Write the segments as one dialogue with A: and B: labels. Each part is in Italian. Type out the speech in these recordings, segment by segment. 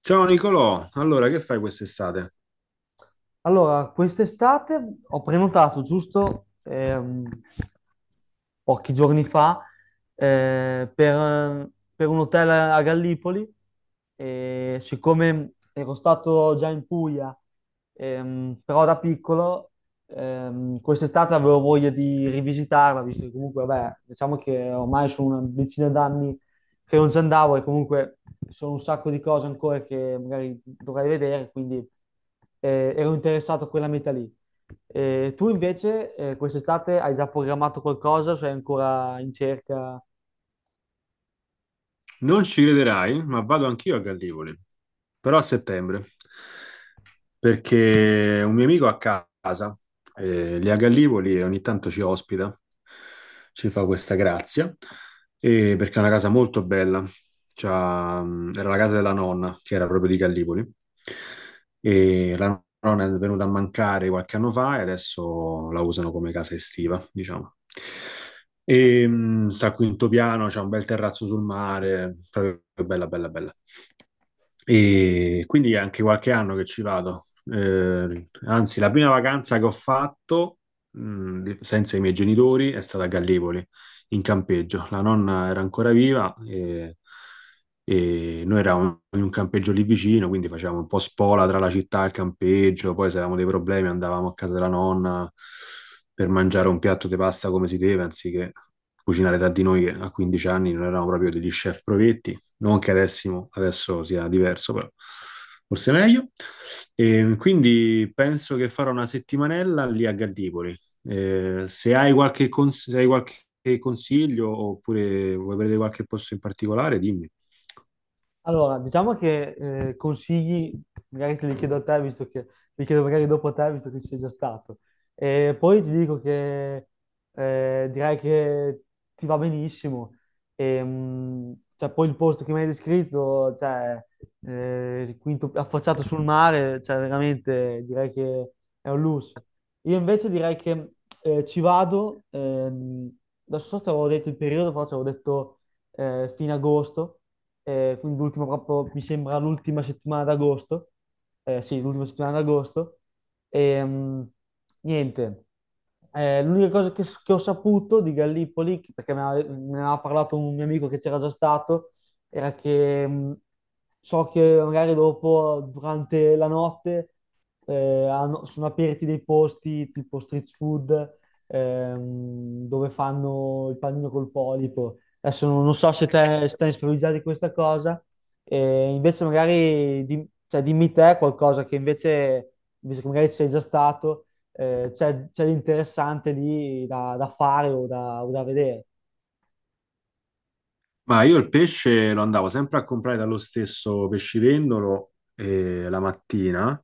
A: Ciao Nicolò, allora che fai quest'estate?
B: Allora, quest'estate ho prenotato giusto pochi giorni fa per un hotel a Gallipoli. E siccome ero stato già in Puglia, però da piccolo, quest'estate avevo voglia di rivisitarla, visto che comunque, vabbè, diciamo che ormai sono una decina d'anni che non ci andavo, e comunque sono un sacco di cose ancora che magari dovrei vedere, quindi ero interessato a quella meta lì. Tu invece quest'estate hai già programmato qualcosa, sei ancora in cerca?
A: Non ci crederai, ma vado anch'io a Gallipoli, però a settembre, perché un mio amico a casa, lì a Gallipoli, e ogni tanto ci ospita, ci fa questa grazia, e perché è una casa molto bella. C'ha, era la casa della nonna, che era proprio di Gallipoli, e la nonna è venuta a mancare qualche anno fa e adesso la usano come casa estiva, diciamo. E, sta al quinto piano, c'è un bel terrazzo sul mare, proprio bella, bella, bella. E quindi è anche qualche anno che ci vado. Anzi, la prima vacanza che ho fatto, senza i miei genitori, è stata a Gallipoli, in campeggio. La nonna era ancora viva e, noi eravamo in un campeggio lì vicino, quindi facevamo un po' spola tra la città e il campeggio. Poi se avevamo dei problemi andavamo a casa della nonna per mangiare un piatto di pasta come si deve, anziché cucinare da di noi che a 15 anni non eravamo proprio degli chef provetti, non che adesso, adesso sia diverso, però forse meglio. E quindi penso che farò una settimanella lì a Gallipoli. Se hai qualche, se hai qualche consiglio oppure vuoi prendere qualche posto in particolare, dimmi.
B: Allora, diciamo che consigli, magari te li chiedo a te, visto che li chiedo magari dopo a te, visto che ci sei già stato. E poi ti dico che direi che ti va benissimo. E, cioè, poi il posto che mi hai descritto, cioè, il quinto affacciato sul mare, cioè, veramente direi che è un lusso. Io invece direi che ci vado, adesso so se avevo detto il periodo, però ci avevo detto fino ad agosto, quindi l'ultima proprio, mi sembra l'ultima settimana d'agosto, sì, l'ultima settimana d'agosto, e niente. L'unica cosa che ho saputo di Gallipoli, perché me ne aveva parlato un mio amico che c'era già stato, era che so che magari dopo, durante la notte, sono aperti dei posti tipo street food, dove fanno il panino col polipo. Adesso non so se te stai sprovvisato di questa cosa, e invece magari cioè, dimmi te qualcosa che invece, visto che magari ci sei già stato, c'è di interessante lì da fare o da vedere.
A: Ma io il pesce lo andavo sempre a comprare dallo stesso pescivendolo, la mattina.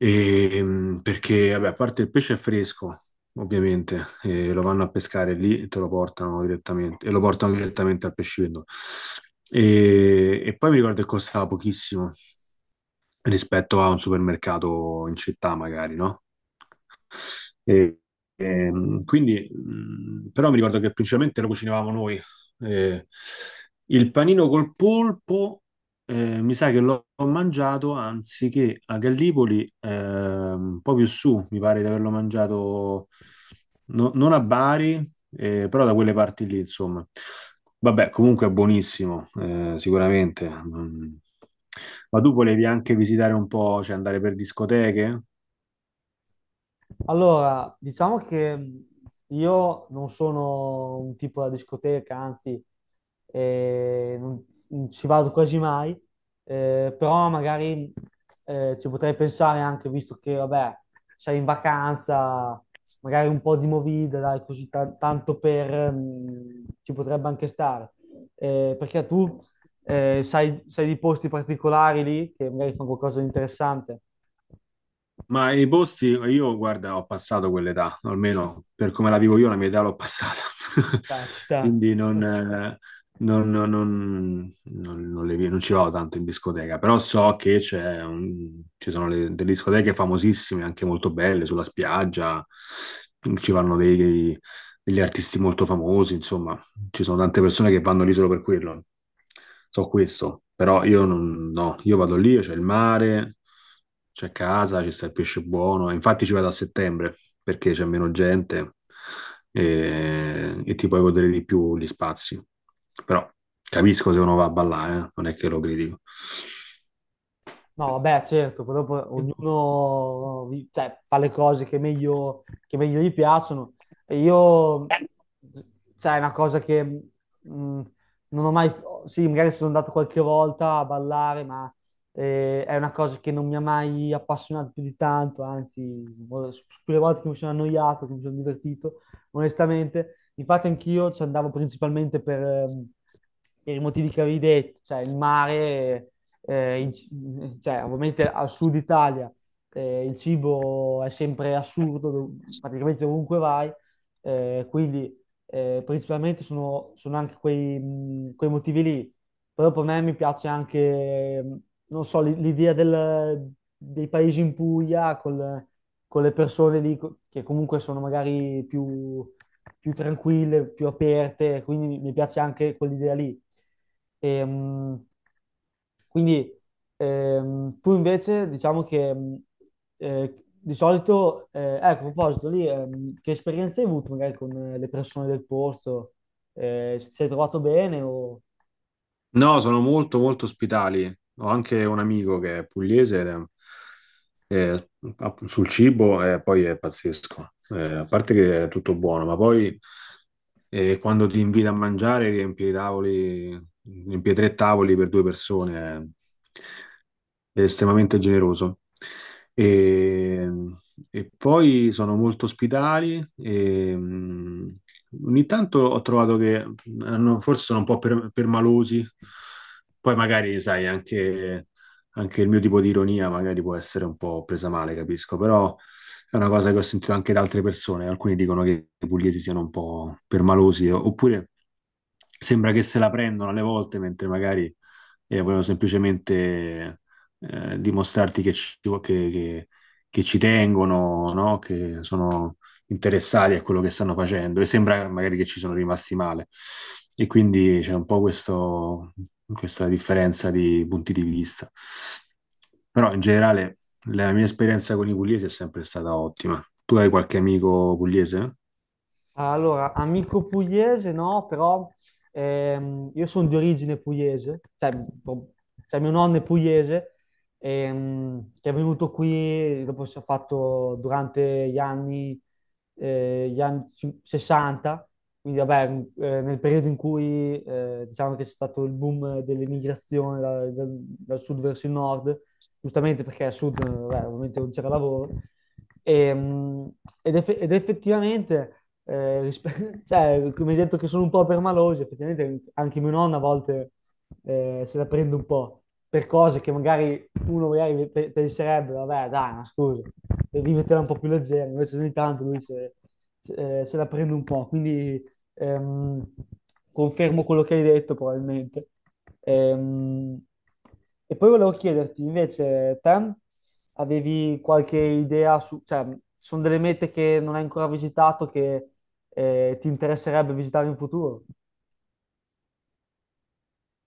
A: Perché, vabbè, a parte il pesce è fresco, ovviamente, e lo vanno a pescare lì e te lo portano direttamente, e lo portano direttamente al pescivendolo. E, poi mi ricordo che costava pochissimo, rispetto a un supermercato in città, magari, no? E, quindi, però mi ricordo che principalmente lo cucinavamo noi. Eh, il panino col polpo, mi sa che l'ho mangiato anziché a Gallipoli, un po' più su, mi pare di averlo mangiato non a Bari, però da quelle parti lì, insomma. Vabbè, comunque è buonissimo, sicuramente. Mm. Ma tu volevi anche visitare un po', cioè andare per discoteche?
B: Allora, diciamo che io non sono un tipo da discoteca, anzi, eh, non, non ci vado quasi mai, però magari ci potrei pensare anche, visto che, vabbè, sei in vacanza, magari un po' di movida, dai, così tanto per, ci potrebbe anche stare. Perché tu sai di posti particolari lì, che magari fanno qualcosa di interessante?
A: Ma i posti, io guarda, ho passato quell'età, almeno per come la vivo io, la mia età l'ho passata.
B: Dai, ci sta.
A: Quindi non, non non ci vado tanto in discoteca, però so che ci sono delle discoteche famosissime, anche molto belle, sulla spiaggia, ci vanno degli artisti molto famosi, insomma. Ci sono tante persone che vanno lì solo per quello. So questo, però io non, no, io vado lì, c'è il mare, c'è casa, ci sta il pesce buono. Infatti ci vado a settembre perché c'è meno gente e, ti puoi godere di più gli spazi. Però capisco se uno va a ballare, non è che lo critico.
B: No, vabbè, certo, però poi ognuno no, cioè, fa le cose che meglio gli piacciono. E io, cioè, è una cosa che non ho mai, sì, magari sono andato qualche volta a ballare, ma è una cosa che non mi ha mai appassionato più di tanto, anzi, su quelle volte che mi sono annoiato, che mi sono divertito, onestamente. Infatti anch'io ci andavo principalmente per i motivi che avevi detto, cioè il mare, cioè, ovviamente al sud Italia, il cibo è sempre assurdo, praticamente ovunque vai, eh, quindi principalmente sono anche quei, quei motivi lì. Però per me mi piace anche, non so, l'idea dei paesi in Puglia con le persone lì che comunque sono magari più, più tranquille, più aperte, quindi mi piace anche quell'idea lì. E, quindi tu invece diciamo che di solito, ecco, a proposito lì, che esperienze hai avuto magari con le persone del posto? Ti sei trovato bene o?
A: No, sono molto molto ospitali. Ho anche un amico che è pugliese ed è- app- sul cibo e poi è pazzesco. A parte che è tutto buono, ma poi quando ti invita a mangiare riempi i tavoli, riempi tre tavoli per due persone, è estremamente generoso. E, e poi sono molto ospitali e, mm, ogni tanto ho trovato che forse sono un po' permalosi, poi magari, sai, anche, anche il mio tipo di ironia magari può essere un po' presa male, capisco, però è una cosa che ho sentito anche da altre persone, alcuni dicono che i pugliesi siano un po' permalosi, oppure sembra che se la prendono alle volte, mentre magari vogliono semplicemente dimostrarti che ci, che- che ci tengono, no? Che sono interessati a quello che stanno facendo e sembra magari che ci sono rimasti male. E quindi c'è un po' questa differenza di punti di vista. Però in generale la mia esperienza con i pugliesi è sempre stata ottima. Tu hai qualche amico pugliese?
B: Allora, amico pugliese no, però io sono di origine pugliese, cioè, pro- cioè mio nonno è pugliese, che è venuto qui, dopo si è fatto durante gli anni, gli anni 60, quindi vabbè, nel periodo in cui diciamo che c'è stato il boom dell'emigrazione dal sud verso il nord, giustamente perché al sud vabbè, ovviamente non c'era lavoro, e, mh, ed effettivamente, cioè, come hai detto che sono un po' permaloso, effettivamente anche mia nonna a volte se la prende un po' per cose che magari uno magari penserebbe, vabbè, dai, ma scusa, vivetela un po' più leggera, invece ogni tanto lui se la prende un po', quindi Ehm, confermo quello che hai detto, probabilmente. Ehm, e poi volevo chiederti, invece, te avevi qualche idea su, cioè, ci sono delle mete che non hai ancora visitato che ti interesserebbe visitare in futuro?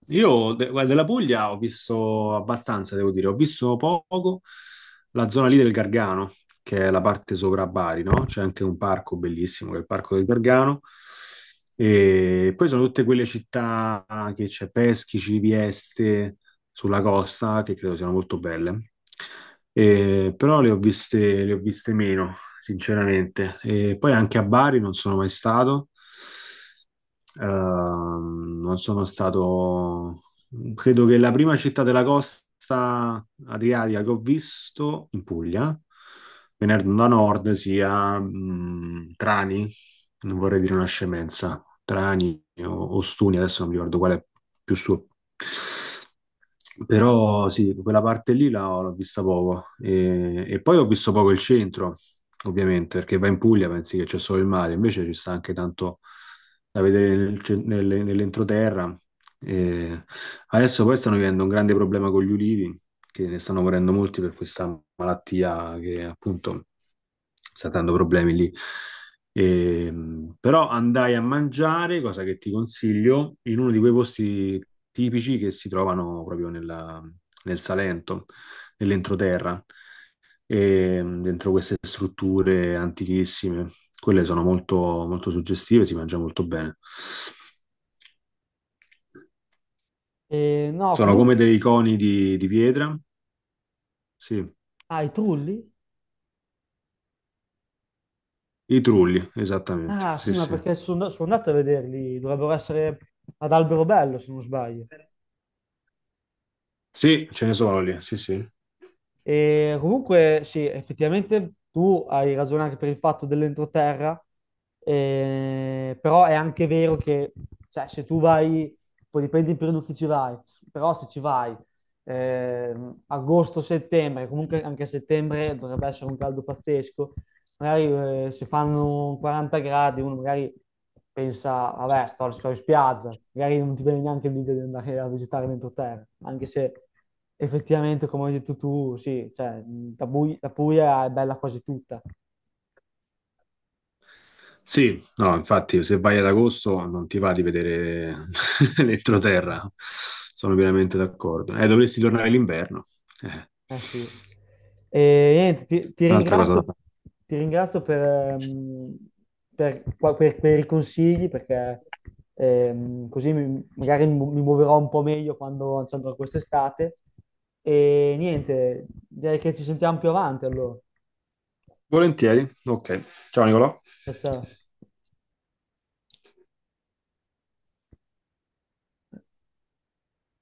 A: Guarda, della Puglia ho visto abbastanza, devo dire, ho visto poco la zona lì del Gargano, che è la parte sopra Bari, no? C'è anche un parco bellissimo, che è il Parco del Gargano. E poi sono tutte quelle città che c'è Peschici, Vieste, sulla costa, che credo siano molto belle. Però le ho viste meno, sinceramente. E poi anche a Bari non sono mai stato. Non sono stato, credo che la prima città della costa adriatica che ho visto in Puglia, venendo da nord, sia, Trani, non vorrei dire una scemenza, Trani o Stuni, adesso non mi ricordo qual è più su. Però sì, quella parte lì l'ho vista poco. E poi ho visto poco il centro, ovviamente, perché vai in Puglia, pensi che c'è solo il mare, invece ci sta anche tanto da vedere nel nell'entroterra. E adesso poi stanno vivendo un grande problema con gli ulivi, che ne stanno morendo molti per questa malattia che appunto sta dando problemi lì. Però andai a mangiare, cosa che ti consiglio, in uno di quei posti tipici che si trovano proprio nel Salento, nell'entroterra, dentro queste strutture antichissime. Quelle sono molto, molto suggestive, si mangia molto bene.
B: No,
A: Sono come
B: comunque,
A: dei coni di pietra, sì,
B: ah, i trulli?
A: i trulli, esattamente,
B: Ah,
A: sì,
B: sì, ma
A: sì.
B: perché sono andato a vederli, dovrebbero essere ad Alberobello, se non sbaglio.
A: Sì, ce ne sono lì, sì, sì.
B: E comunque, sì, effettivamente tu hai ragione anche per il fatto dell'entroterra, però è anche vero che, cioè, se tu vai, poi dipende in periodo che ci vai, però se ci vai agosto-settembre, comunque anche a settembre dovrebbe essere un caldo pazzesco, magari si fanno 40 gradi, uno magari pensa, vabbè, sto in spiaggia, magari non ti viene neanche l'idea di andare a visitare l'entroterra, anche se effettivamente, come hai detto tu, sì, cioè, la Puglia è bella quasi tutta.
A: Sì, no, infatti se vai ad agosto non ti va di vedere
B: Eh,
A: l'entroterra, sono pienamente d'accordo. Dovresti tornare l'inverno. Eh,
B: Eh sì. E niente, ti, ti
A: un'altra cosa da
B: ringrazio,
A: fare.
B: ti ringrazio per i consigli, perché così magari mi muoverò un po' meglio quando ci andrò quest'estate. E niente, direi che ci sentiamo più avanti, allora.
A: Volentieri, ok. Ciao Nicolò.
B: Ciao, ciao.